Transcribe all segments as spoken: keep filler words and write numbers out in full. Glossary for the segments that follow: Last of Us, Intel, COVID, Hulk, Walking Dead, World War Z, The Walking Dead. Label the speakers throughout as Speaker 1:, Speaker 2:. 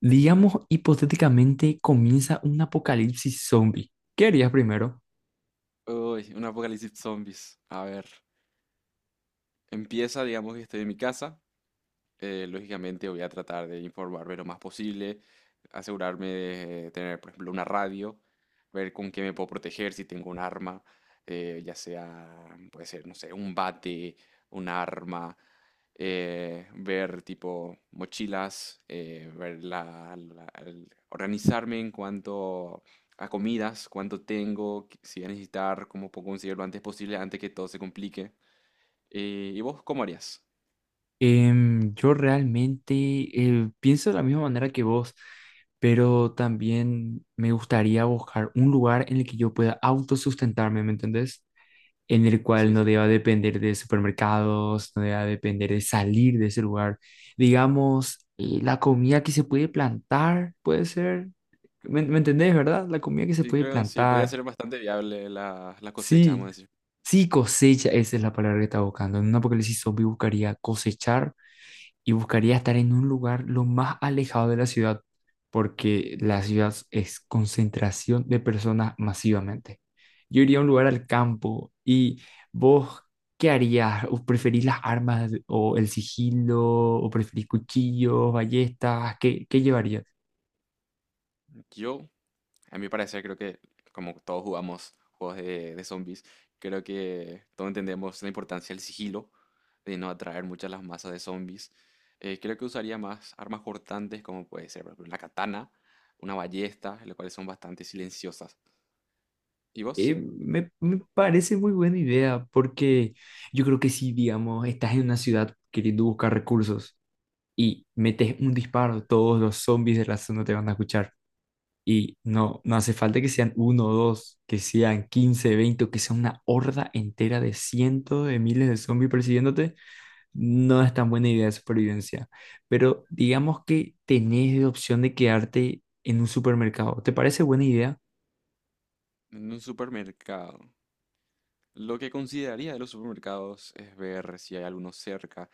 Speaker 1: Digamos, hipotéticamente comienza un apocalipsis zombie. ¿Qué harías primero?
Speaker 2: Uy, un apocalipsis zombies. A ver, empieza, digamos que estoy en mi casa, eh, lógicamente voy a tratar de informarme lo más posible, asegurarme de eh, tener, por ejemplo, una radio, ver con qué me puedo proteger si tengo un arma, eh, ya sea, puede ser, no sé, un bate, un arma, eh, ver tipo mochilas, eh, ver la, la- el- organizarme en cuanto a comidas, cuánto tengo, qué- si voy a necesitar, cómo puedo conseguirlo antes posible, antes que todo se complique. Eh, ¿y vos cómo harías?
Speaker 1: Em, yo realmente eh, pienso de la misma manera que vos, pero también me gustaría buscar un lugar en el que yo pueda autosustentarme, ¿me entendés? En el cual
Speaker 2: Sí,
Speaker 1: no
Speaker 2: sí.
Speaker 1: deba depender de supermercados, no deba depender de salir de ese lugar. Digamos, eh, la comida que se puede plantar, puede ser, ¿me, me entendés, verdad? La comida que se
Speaker 2: Sí,
Speaker 1: puede
Speaker 2: creo, sí, podía
Speaker 1: plantar.
Speaker 2: ser bastante viable la, la cosecha, vamos
Speaker 1: Sí,
Speaker 2: a decir.
Speaker 1: sí, cosecha, esa es la palabra que estaba buscando. En un apocalipsis zombie buscaría cosechar y buscaría estar en un lugar lo más alejado de la ciudad, porque la ciudad es concentración de personas masivamente. Yo iría a un lugar al campo y vos, ¿qué harías? ¿O preferís las armas o el sigilo? ¿O preferís cuchillos, ballestas? ¿Qué, qué llevarías?
Speaker 2: Yo, a mi parecer, creo que como todos jugamos juegos de, de zombies, creo que todos entendemos la importancia del sigilo, de no atraer muchas las masas de zombies. Eh, creo que usaría más armas cortantes, como puede ser, por ejemplo, la katana, una ballesta, las cuales son bastante silenciosas. ¿Y
Speaker 1: Eh,
Speaker 2: vos?
Speaker 1: me, me parece muy buena idea porque yo creo que si, digamos, estás en una ciudad queriendo buscar recursos y metes un disparo, todos los zombies de la zona te van a escuchar. Y no, no hace falta que sean uno o dos, que sean quince veinte o que sea una horda entera de cientos de miles de zombies persiguiéndote. No es tan buena idea de supervivencia. Pero digamos que tenés la opción de quedarte en un supermercado. ¿Te parece buena idea?
Speaker 2: En un supermercado. Lo que consideraría de los supermercados es ver si hay alguno cerca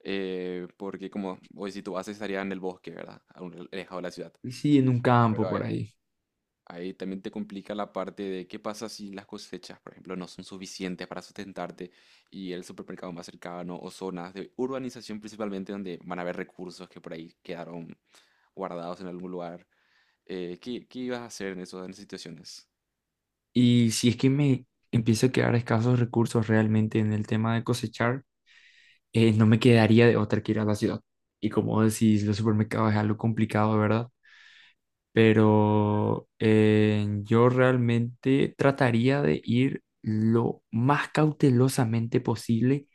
Speaker 2: eh, porque como hoy si tú haces estaría en el bosque, ¿verdad? A un alejado de la ciudad.
Speaker 1: Sí, en un campo
Speaker 2: Pero ahí,
Speaker 1: por ahí.
Speaker 2: ahí también te complica la parte de qué pasa si las cosechas, por ejemplo, no son suficientes para sustentarte y el supermercado más cercano o zonas de urbanización principalmente donde van a haber recursos que por ahí quedaron guardados en algún lugar. Eh, ¿qué, qué ibas a hacer en eso, en esas situaciones?
Speaker 1: Y si es que me empiezo a quedar escasos recursos realmente en el tema de cosechar, eh, no me quedaría de otra que ir a la ciudad. Y como decís, los supermercados es algo complicado, ¿verdad? Pero eh, yo realmente trataría de ir lo más cautelosamente posible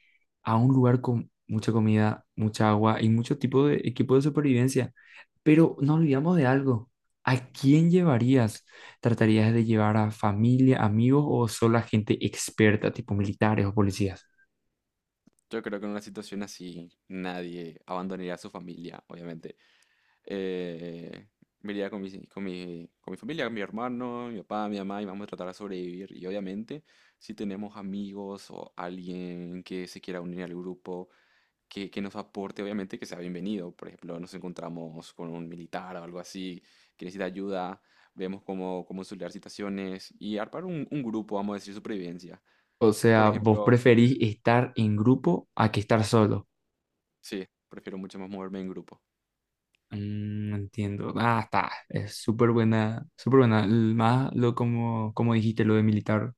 Speaker 1: a un lugar con mucha comida, mucha agua y mucho tipo de equipo de supervivencia. Pero no olvidamos de algo. ¿A quién llevarías? ¿Tratarías de llevar a familia, amigos o solo a gente experta, tipo militares o policías?
Speaker 2: Yo creo que en una situación así nadie abandonaría a su familia, obviamente. Eh, me iría con mi, con mi, con mi familia, con mi hermano, mi papá, mi mamá, y vamos a tratar de sobrevivir. Y obviamente, si tenemos amigos o alguien que se quiera unir al grupo, que, que nos aporte, obviamente que sea bienvenido. Por ejemplo, nos encontramos con un militar o algo así que necesita ayuda, vemos cómo, cómo solucionar situaciones y armar un, un grupo, vamos a decir, supervivencia.
Speaker 1: O
Speaker 2: Por
Speaker 1: sea, vos
Speaker 2: ejemplo,
Speaker 1: preferís estar en grupo a que estar solo.
Speaker 2: sí, prefiero mucho más moverme en grupo.
Speaker 1: Mm, entiendo. Ah, está. Es súper buena, súper buena. L- Más lo como, como dijiste, lo de militar,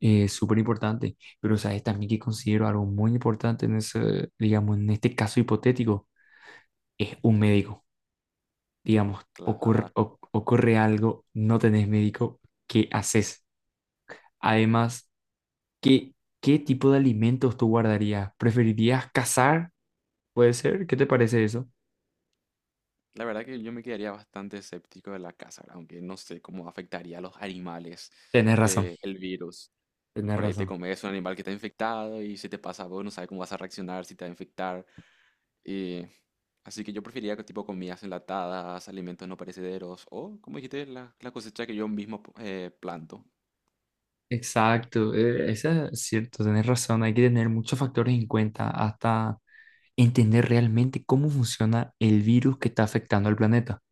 Speaker 1: es súper importante. Pero, ¿sabes también que considero algo muy importante en ese, digamos, en este caso hipotético? Es un médico. Digamos, ocurre,
Speaker 2: La,
Speaker 1: o- ocurre algo, no tenés médico, ¿qué haces? Además, ¿qué, qué tipo de alimentos tú guardarías? ¿Preferirías cazar? ¿Puede ser? ¿Qué te parece eso?
Speaker 2: la verdad que yo me quedaría bastante escéptico de la caza, aunque no sé cómo afectaría a los animales
Speaker 1: Tenés razón,
Speaker 2: eh, el virus.
Speaker 1: tenés
Speaker 2: Por ahí te
Speaker 1: razón.
Speaker 2: comes un animal que está infectado y si te pasa a vos no sabes cómo vas a reaccionar, si te va a infectar. eh, Así que yo preferiría que tipo comidas enlatadas, alimentos no perecederos o, como dijiste, la, la cosecha que yo mismo eh, planto.
Speaker 1: Exacto, eh, eso es cierto, tenés razón. Hay que tener muchos factores en cuenta hasta entender realmente cómo funciona el virus que está afectando al planeta.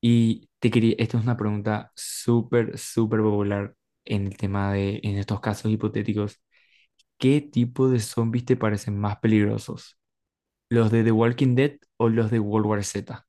Speaker 1: Y te quería, esta es una pregunta súper, súper popular en el tema de, en estos casos hipotéticos. ¿Qué tipo de zombies te parecen más peligrosos? ¿Los de The Walking Dead o los de World War Z?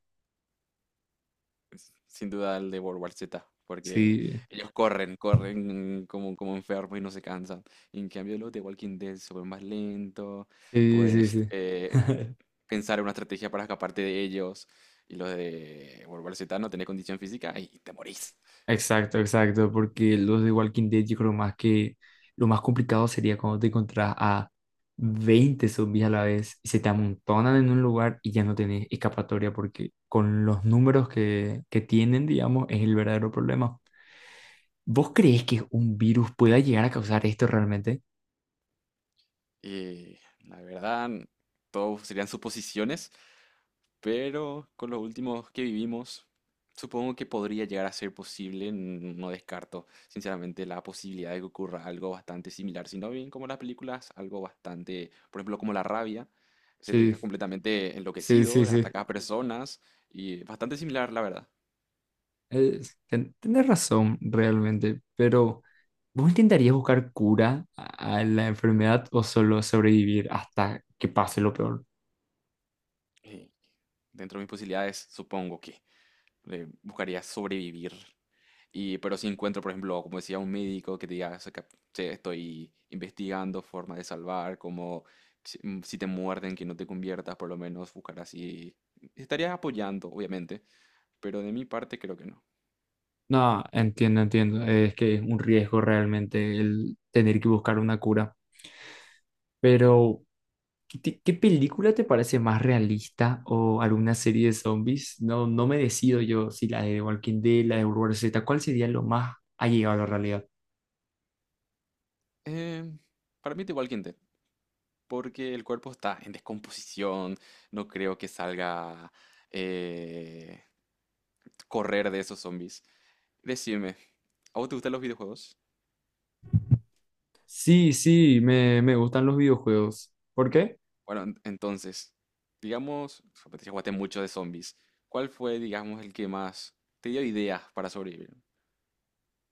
Speaker 2: Sin duda el de World War Z, porque
Speaker 1: Sí,
Speaker 2: ellos corren, corren como, como enfermos y no se cansan. Y en cambio, los de Walking Dead se vuelven más lentos,
Speaker 1: sí, sí,
Speaker 2: puedes
Speaker 1: sí.
Speaker 2: eh, pensar en una estrategia para escaparte de ellos. Y los de World War Z no tenés condición física y te morís.
Speaker 1: Exacto, exacto, porque los de Walking Dead yo creo más que lo más complicado sería cuando te encontrás a veinte zombies a la vez y se te amontonan en un lugar y ya no tenés escapatoria porque con los números que, que tienen, digamos, es el verdadero problema. ¿Vos crees que un virus pueda llegar a causar esto realmente?
Speaker 2: Y la verdad, todos serían suposiciones, pero con los últimos que vivimos, supongo que podría llegar a ser posible. n- No descarto, sinceramente, la posibilidad de que ocurra algo bastante similar, sino bien como las películas, algo bastante, por ejemplo, como la rabia, se te deja
Speaker 1: Sí,
Speaker 2: completamente
Speaker 1: sí,
Speaker 2: enloquecido,
Speaker 1: sí, sí.
Speaker 2: ataca a personas y bastante similar, la verdad.
Speaker 1: Es- ten- tenés razón realmente, pero ¿vos intentarías buscar cura a a la enfermedad o solo sobrevivir hasta que pase lo peor?
Speaker 2: Eh, dentro de mis posibilidades, supongo que eh, buscaría sobrevivir. Y, pero si encuentro, por ejemplo, como decía, un médico que te diga, "Sé que- che, estoy investigando formas de salvar, como si, mm, si te muerden, que no te conviertas, por lo menos buscar así. Estaría apoyando, obviamente, pero de mi parte creo que no.
Speaker 1: No, entiendo, entiendo. Es que es un riesgo realmente el tener que buscar una cura. Pero, ¿qué, te- ¿qué película te parece más realista o alguna serie de zombies? No, no me decido yo si la de Walking Dead, la de World Z, ¿cuál sería lo más allegado a la realidad?
Speaker 2: Eh, para mí es igual que Intel, porque el cuerpo está en descomposición, no creo que salga eh, correr de esos zombies. Decime, ¿a vos te gustan los videojuegos?
Speaker 1: Sí, sí, me, me gustan los videojuegos. ¿Por qué?
Speaker 2: Bueno, en- entonces, digamos, o sea, te jugaste mucho de zombies. ¿Cuál fue, digamos, el que más te dio ideas para sobrevivir?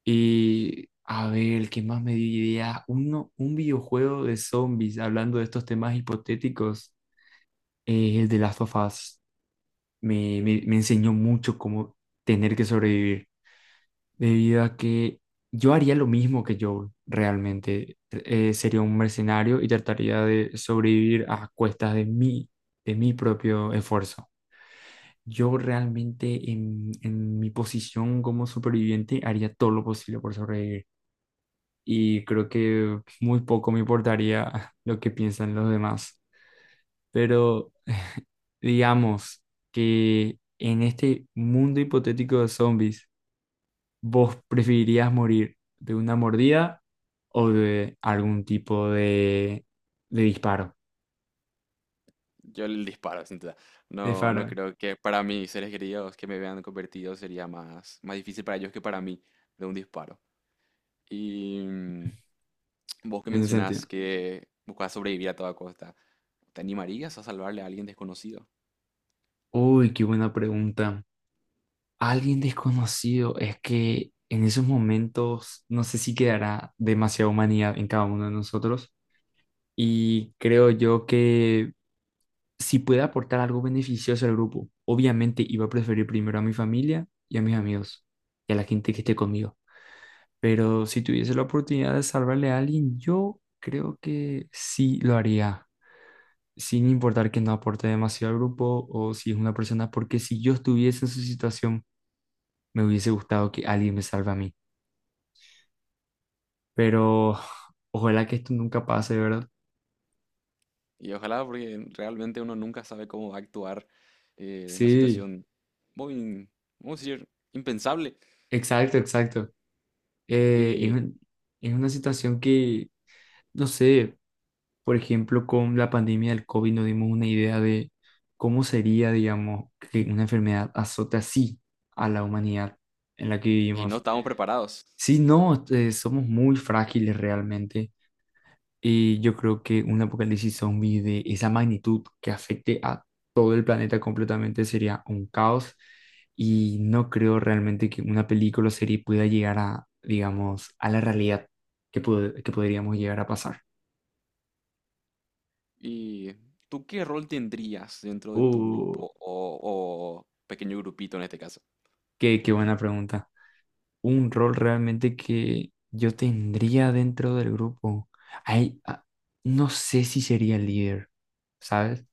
Speaker 1: Y, a ver, ¿qué más me diría? Uno, un videojuego de zombies, hablando de estos temas hipotéticos, es el de Last of Us. me, me, me enseñó mucho cómo tener que sobrevivir, debido a que yo haría lo mismo que yo realmente. Eh, eh, sería un mercenario y trataría de sobrevivir a cuestas de mí, de mi propio esfuerzo. Yo realmente en, en mi posición como superviviente haría todo lo posible por sobrevivir y creo que muy poco me importaría lo que piensan los demás. Pero digamos que en este mundo hipotético de zombies, ¿vos preferirías morir de una mordida o de algún tipo de, de disparo?
Speaker 2: Yo el disparo, sin duda.
Speaker 1: De
Speaker 2: No, no
Speaker 1: faro,
Speaker 2: creo que para mis seres queridos que me vean convertido sería más, más difícil para ellos que para mí de un disparo. Y mm, vos que
Speaker 1: en ese sentido.
Speaker 2: mencionás que buscas sobrevivir a toda costa, ¿te animarías a salvarle a alguien desconocido?
Speaker 1: Uy, qué buena pregunta. Alguien desconocido, es que en esos momentos no sé si quedará demasiada humanidad en cada uno de nosotros y creo yo que si puede aportar algo beneficioso al grupo, obviamente iba a preferir primero a mi familia y a mis amigos y a la gente que esté conmigo. Pero si tuviese la oportunidad de salvarle a alguien, yo creo que sí lo haría, sin importar que no aporte demasiado al grupo o si es una persona, porque si yo estuviese en su situación, me hubiese gustado que alguien me salve a mí. Pero ojalá que esto nunca pase, ¿verdad?
Speaker 2: Y ojalá, porque realmente uno nunca sabe cómo va a actuar eh, en una
Speaker 1: Sí,
Speaker 2: situación muy, vamos a decir, impensable
Speaker 1: exacto, exacto. Eh, es
Speaker 2: y,
Speaker 1: un- es una situación que, no sé. Por ejemplo, con la pandemia del COVID nos dimos una idea de cómo sería, digamos, que una enfermedad azote así a la humanidad en la que
Speaker 2: y no
Speaker 1: vivimos.
Speaker 2: estamos preparados.
Speaker 1: Sí, no, eh, somos muy frágiles realmente y yo creo que un apocalipsis zombie de esa magnitud que afecte a todo el planeta completamente sería un caos y no creo realmente que una película o serie pueda llegar a, digamos, a la realidad que, pod- que podríamos llegar a pasar.
Speaker 2: ¿Y tú qué rol tendrías dentro de tu
Speaker 1: Uh,
Speaker 2: grupo o, o pequeño grupito en este caso?
Speaker 1: qué, qué buena pregunta. Un rol realmente que yo tendría dentro del grupo. Ay, ah, no sé si sería líder, ¿sabes?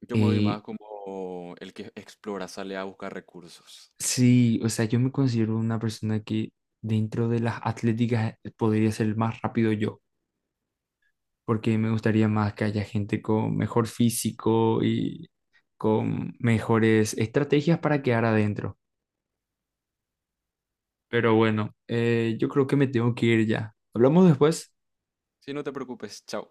Speaker 2: Yo me voy más
Speaker 1: Eh,
Speaker 2: como el que explora, sale a buscar recursos.
Speaker 1: sí, o sea, yo me considero una persona que dentro de las atléticas podría ser más rápido yo, porque me gustaría más que haya gente con mejor físico y con mejores estrategias para quedar adentro. Pero bueno, eh, yo creo que me tengo que ir ya. ¿Hablamos después?
Speaker 2: Si no te preocupes, chao.